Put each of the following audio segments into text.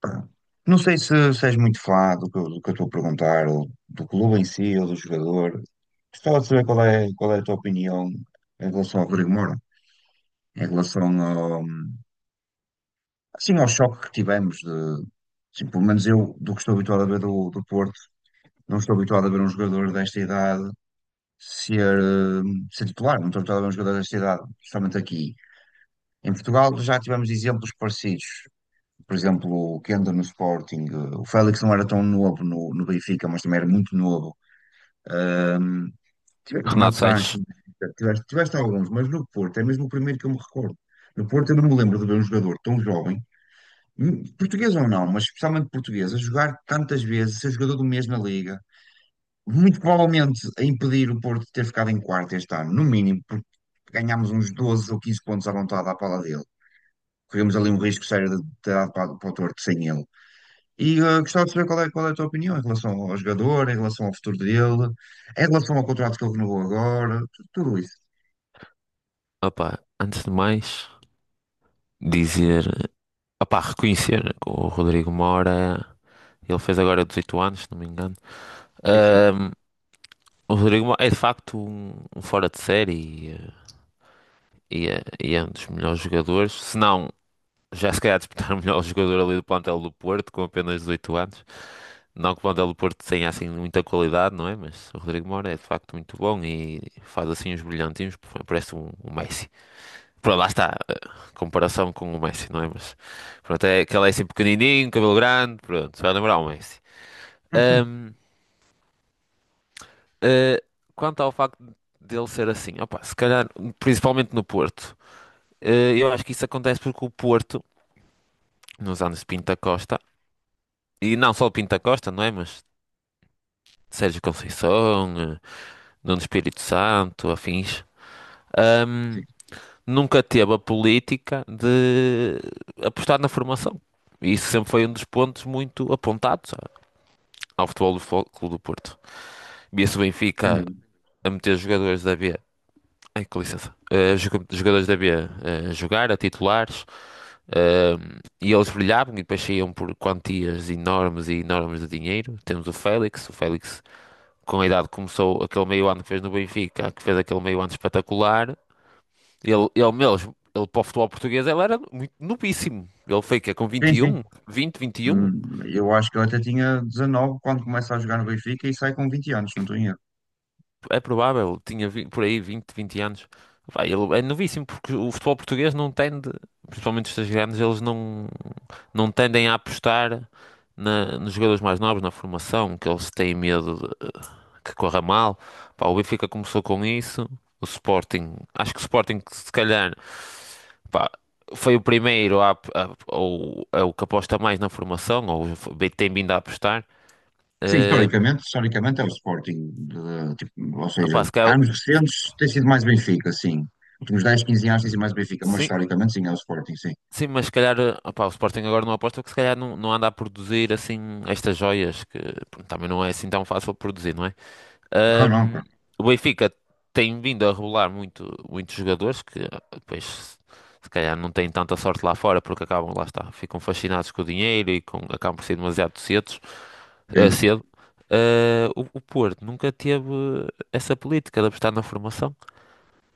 Pá, não sei se és muito fã do que eu estou a perguntar, ou do clube em si, ou do jogador. Gostava de saber qual é a tua opinião em relação ao Rodrigo Moura, em relação ao, assim, ao choque que tivemos de, assim, pelo menos eu, do que estou habituado a ver do Porto, não estou habituado a ver um jogador desta idade ser, eh, ser titular, não estou habituado a ver um jogador desta idade, justamente aqui. Em Portugal já tivemos exemplos parecidos. Por exemplo, o Kenda no Sporting, o Félix não era tão novo no Benfica, mas também era muito novo. Ahm, o Renato Renato Sanches, Sanches, tiveste alguns, mas no Porto é mesmo o primeiro que eu me recordo. No Porto eu não me lembro de ver um jogador tão jovem, português ou não, mas especialmente português, a jogar tantas vezes, ser jogador do mês na Liga, muito provavelmente a impedir o Porto de ter ficado em quarto este ano, no mínimo, porque ganhámos uns 12 ou 15 pontos à vontade à pala dele. Corremos ali um risco sério de ter dado para o torto sem ele. E gostava de saber qual é a tua opinião em relação ao jogador, em relação ao futuro dele, em relação ao contrato que ele renovou agora, tudo isso. opá, antes de mais, dizer, opá, reconhecer que o Rodrigo Mora, ele fez agora 18 anos, se não me engano. Sim, sim. Ahm, o Rodrigo Mora é de facto um fora de série e é um dos melhores jogadores, se não, já se calhar disputar o melhor jogador ali do plantel do Porto, com apenas 18 anos. Não que o plantel do Porto tenha assim muita qualidade, não é? Mas o Rodrigo Mora é de facto muito bom e faz assim uns brilhantinhos, parece um Messi. Pronto, lá está. Comparação com o Messi, não é? Mas pronto, é que ele é assim pequenininho, cabelo grande, pronto, se vai lembrar o Messi. Ahm, eh, Quanto ao facto dele ser assim, opa, se calhar, principalmente no Porto, eu acho que isso acontece porque o Porto, nos anos de Pinto da Costa, e não só o Pinto da Costa, não é? Mas Sérgio Conceição, Nuno Espírito Santo, afins, ahm, Sim, nunca teve a política de apostar na formação. E isso sempre foi um dos pontos muito apontados ao Futebol do Clube do Porto. Via-se o sem Benfica dúvida. a meter jogadores da B. Ai, com licença. Jogadores da B a jogar, a titulares, eh, e eles brilhavam e depois saíam por quantias enormes e enormes de dinheiro. Temos o Félix com a idade começou aquele meio ano que fez no Benfica, que fez aquele meio ano espetacular. Ele mesmo, ele para o futebol português, ele era muito novíssimo. Ele foi que com Sim, sim. 21, 20, 21. Eu acho que ele até tinha 19 quando começa a jogar no Benfica e sai com 20 anos, não estou em erro. É provável, tinha por aí 20, 20 anos. Pá, ele é novíssimo porque o futebol português não tende, principalmente os três grandes, eles não tendem a apostar nos jogadores mais novos, na formação, que eles têm medo que corra mal. Pá, o Benfica começou com isso, o Sporting, acho que o Sporting se calhar, pá, foi o primeiro ou é o que aposta mais na formação, ou tem vindo a apostar. Sim, Eh, historicamente é o Sporting, tipo, ou seja, Opá, se calhar, anos recentes tem sido mais Benfica, sim. Últimos 10 15 anos tem sido mais Benfica, mas sim, historicamente sim, é o Sporting, sim. sim, mas se calhar, opá, o Sporting agora não aposta porque se calhar não anda a produzir assim estas joias que pronto, também não é assim tão fácil produzir, não é? Não, não, Ahm, claro. o Benfica tem vindo a revelar muitos jogadores que depois se calhar não têm tanta sorte lá fora porque acabam, lá está, ficam fascinados com o dinheiro e acabam por ser demasiado Sim, cedo. Ah, o Porto nunca teve essa política de apostar na formação.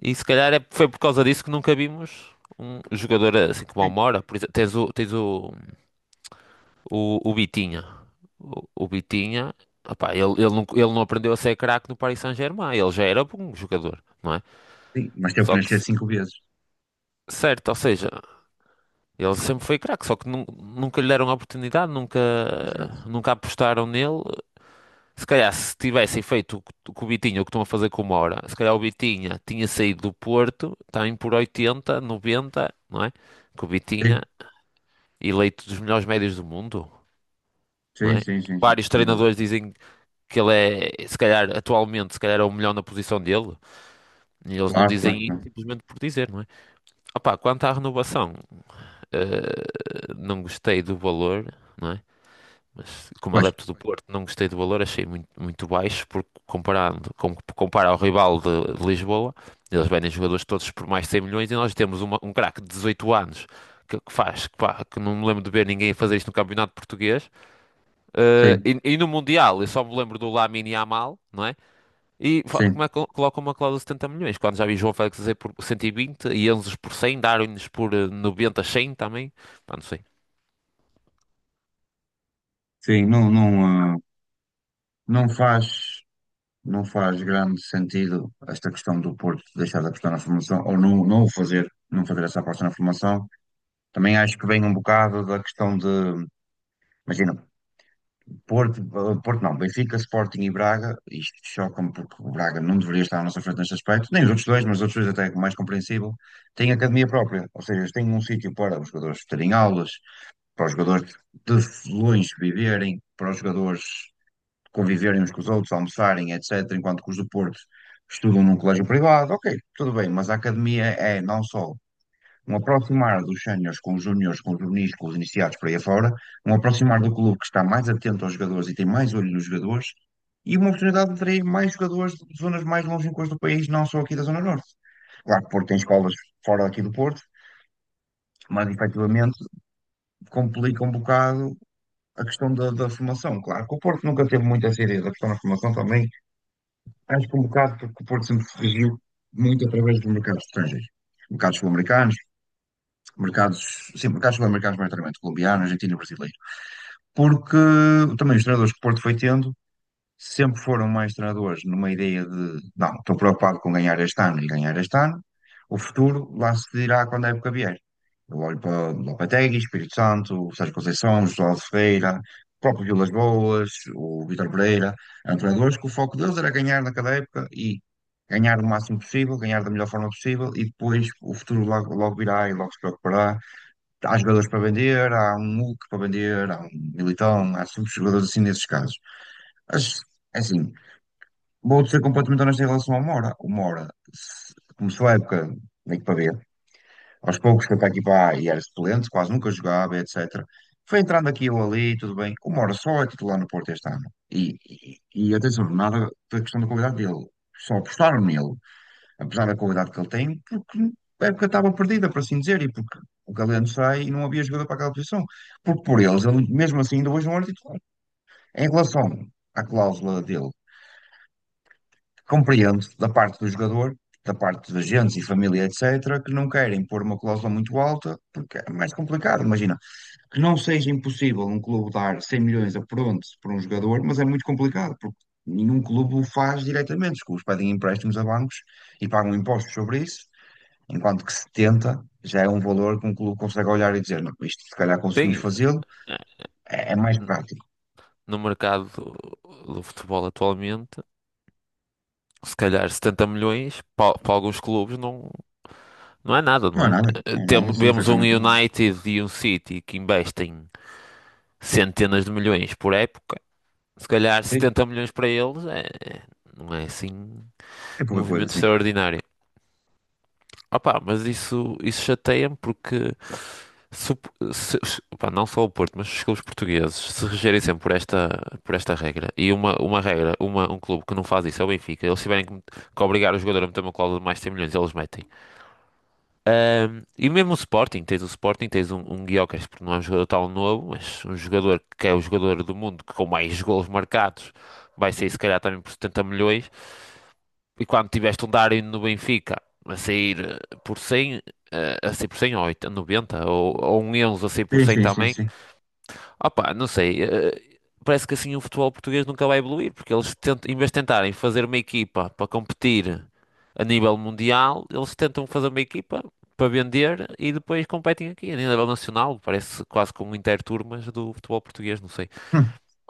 E se calhar foi por causa disso que nunca vimos um jogador assim como o sim, Mora. Por exemplo, tens o Bitinha. O Bitinha, opá, ele, não, ele não aprendeu a ser craque no Paris Saint-Germain. Ele já era bom jogador, não é? sim. Mas teve que Só que, nascer cinco vezes. certo, ou seja, ele sempre foi craque, só que nunca lhe deram a oportunidade, nunca, Exato. nunca apostaram nele. Se calhar, se tivessem feito o que o Bitinha, o que estão a fazer com o Moura, se calhar o Bitinha tinha saído do Porto, está em por 80, 90, não é? Que o Bitinha, Sim. eleito dos melhores médios do mundo, não Sim, é? sim, sim, sim, Vários sem dúvida. treinadores dizem que ele é, se calhar, atualmente, se calhar é o melhor na posição dele, e eles não Claro, dizem claro, isso claro. simplesmente por dizer, não é? Opa, quanto à renovação, não gostei do valor, não é? Mas, como Pois, adepto do Porto, não gostei do valor, achei muito, muito baixo, porque compara ao rival de Lisboa, eles vendem jogadores todos por mais de 100 milhões e nós temos um craque de 18 anos pá, que não me lembro de ver ninguém fazer isto no Campeonato Português. Sim, E no Mundial, eu só me lembro do Lamine Yamal, não é? Como sim, é que colocam uma cláusula de 70 milhões? Quando já vi João Félix dizer por 120 e vinte e Enzo por 100, Darwin por 90, 100 também. Pá, não sei. sim, não, não, ah, não faz, não faz grande sentido esta questão do Porto deixar da questão na formação, ou não, não o fazer, não fazer essa aposta na formação. Também acho que vem um bocado da questão de, imagina, Porto, ah, Porto não, Benfica, Sporting e Braga, isto choca-me porque o Braga não deveria estar à nossa frente neste aspecto, nem os outros dois, mas os outros dois até é mais compreensível, têm academia própria, ou seja, têm um sítio para os jogadores terem aulas, para os jogadores de Lões viverem, para os jogadores conviverem uns com os outros, almoçarem, etc., enquanto que os do Porto estudam num colégio privado, ok, tudo bem, mas a academia é não só um aproximar dos séniores com os júniores, com os juvenis, com os iniciados para aí afora, um aproximar do clube que está mais atento aos jogadores e tem mais olho nos jogadores, e uma oportunidade de atrair mais jogadores de zonas mais longínquas do país, não só aqui da Zona Norte. Claro que o Porto tem escolas fora daqui do Porto, mas efetivamente complica um bocado a questão da formação. Claro que o Porto nunca teve muita seriedade ideia da questão da formação também. Acho que um bocado porque o Porto sempre se regiu muito através dos mercados estrangeiros. Mercados sul-americanos, mercados, sim, mercados sul-americanos, maioritariamente colombiano, argentino e brasileiro. Porque também os treinadores que o Porto foi tendo sempre foram mais treinadores numa ideia de não, estou preocupado com ganhar este ano e ganhar este ano, o futuro lá se dirá quando a época vier. Eu olho para Lopetegui, Espírito Santo, o Sérgio Conceição, José Aldo Ferreira, o próprio Vilas Boas, o Vítor Pereira, eram treinadores que o foco deles era ganhar naquela época e ganhar o máximo possível, ganhar da melhor forma possível e depois o futuro logo, logo virá e logo se preocupará. Há jogadores para vender, há um Hulk para vender, há um Militão, há subjogadores assim nesses casos. Mas, é assim, vou-te ser completamente honesto em relação ao Mora. O Mora começou a época meio que para ver. Aos poucos foi para aqui para A e era suplente, quase nunca jogava, etc. Foi entrando aqui ou ali, tudo bem. O Mora só é titular no Porto este ano. E atenção, nada da questão da qualidade dele. Só apostaram nele, apesar da qualidade que ele tem, porque a época estava perdida, por assim dizer, e porque o Galeno sai e não havia jogador para aquela posição. Porque por eles, ele mesmo assim ainda hoje não era titular. Em relação à cláusula dele, compreendo da parte do jogador, da parte dos agentes e família, etc., que não querem pôr uma cláusula muito alta, porque é mais complicado. Imagina, que não seja impossível um clube dar 100 milhões a pronto para um jogador, mas é muito complicado, porque nenhum clube o faz diretamente. Os clubes pedem empréstimos a bancos e pagam impostos sobre isso, enquanto que 70 já é um valor que um clube consegue olhar e dizer: não, isto se calhar conseguimos Tem. fazê-lo, é mais prático. No mercado do futebol atualmente, se calhar 70 milhões para, alguns clubes não, não é nada, Não não é é? nada, não é nada, sim, Vemos um efetivamente não é nada. United e um City que investem centenas de milhões por época, se calhar Sim, 70 milhões para eles não é assim é um pouca coisa, movimento sim. extraordinário. Opa, mas isso chateia-me porque Se, o- se- se- pá, não só o Porto, mas os clubes portugueses se regerem sempre por esta regra, e uma regra, um clube que não faz isso é o Benfica, eles tiverem que obrigar o jogador a meter uma cláusula de mais de 100 milhões, eles metem. E mesmo o Sporting, tens um Gyökeres, porque não é um jogador tão novo, mas um jogador que é o jogador do mundo que com mais golos marcados vai sair se calhar também por 70 milhões. E quando tiveste um Darwin no Benfica a sair por 100, a sair por 100 ou 80, 90, ou um Enzo a sair por Sim, 100 sim, sim, também. sim. Opá, não sei. Parece que assim o futebol português nunca vai evoluir, porque eles tentam, em vez de tentarem fazer uma equipa para competir a nível mundial, eles tentam fazer uma equipa para vender e depois competem aqui a nível nacional. Parece quase com um interturmas do futebol português, não sei.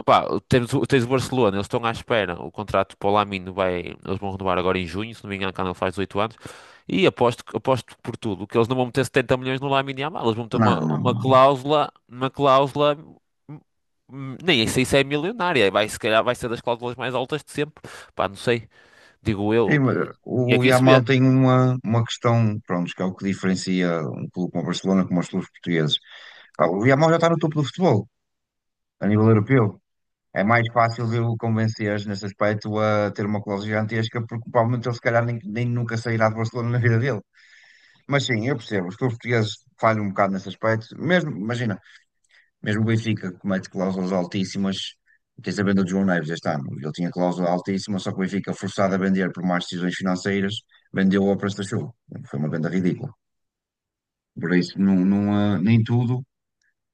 Opa, temos, tens o Barcelona, eles estão à espera. O contrato para o Lamine vai, eles vão renovar agora em junho, se não me engano, quando ele faz 18 anos. E aposto, aposto por tudo que eles não vão meter 70 milhões no Lamine Yamal. Eles vão meter Não, uma, não, uma não. cláusula, uma cláusula, hum, nem sei se é milionária. Vai, se calhar vai ser das cláusulas mais altas de sempre. Pá, não sei, digo Tem, eu. E e o aqui se Yamal vê. tem uma, questão, pronto, que é o que diferencia um clube como o Barcelona como os clubes portugueses. Pá, o Yamal já está no topo do futebol, a nível europeu. É mais fácil de o convencer nesse aspecto a ter uma cláusula gigantesca, porque provavelmente ele se calhar nem nunca sairá de Barcelona na vida dele. Mas sim, eu percebo, os clubes portugueses falham um bocado nesse aspecto. Mesmo, imagina. Mesmo o Benfica comete cláusulas altíssimas. Tens a venda do João Neves este ano. Ele tinha cláusula altíssima, só que o Benfica, forçado a vender por más decisões financeiras, vendeu ao preço da chuva. Foi uma venda ridícula. Por isso, não, não, nem tudo,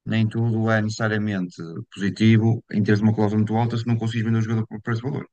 nem tudo é necessariamente positivo em teres uma cláusula muito alta se não consegues vender o jogador por preço de valor.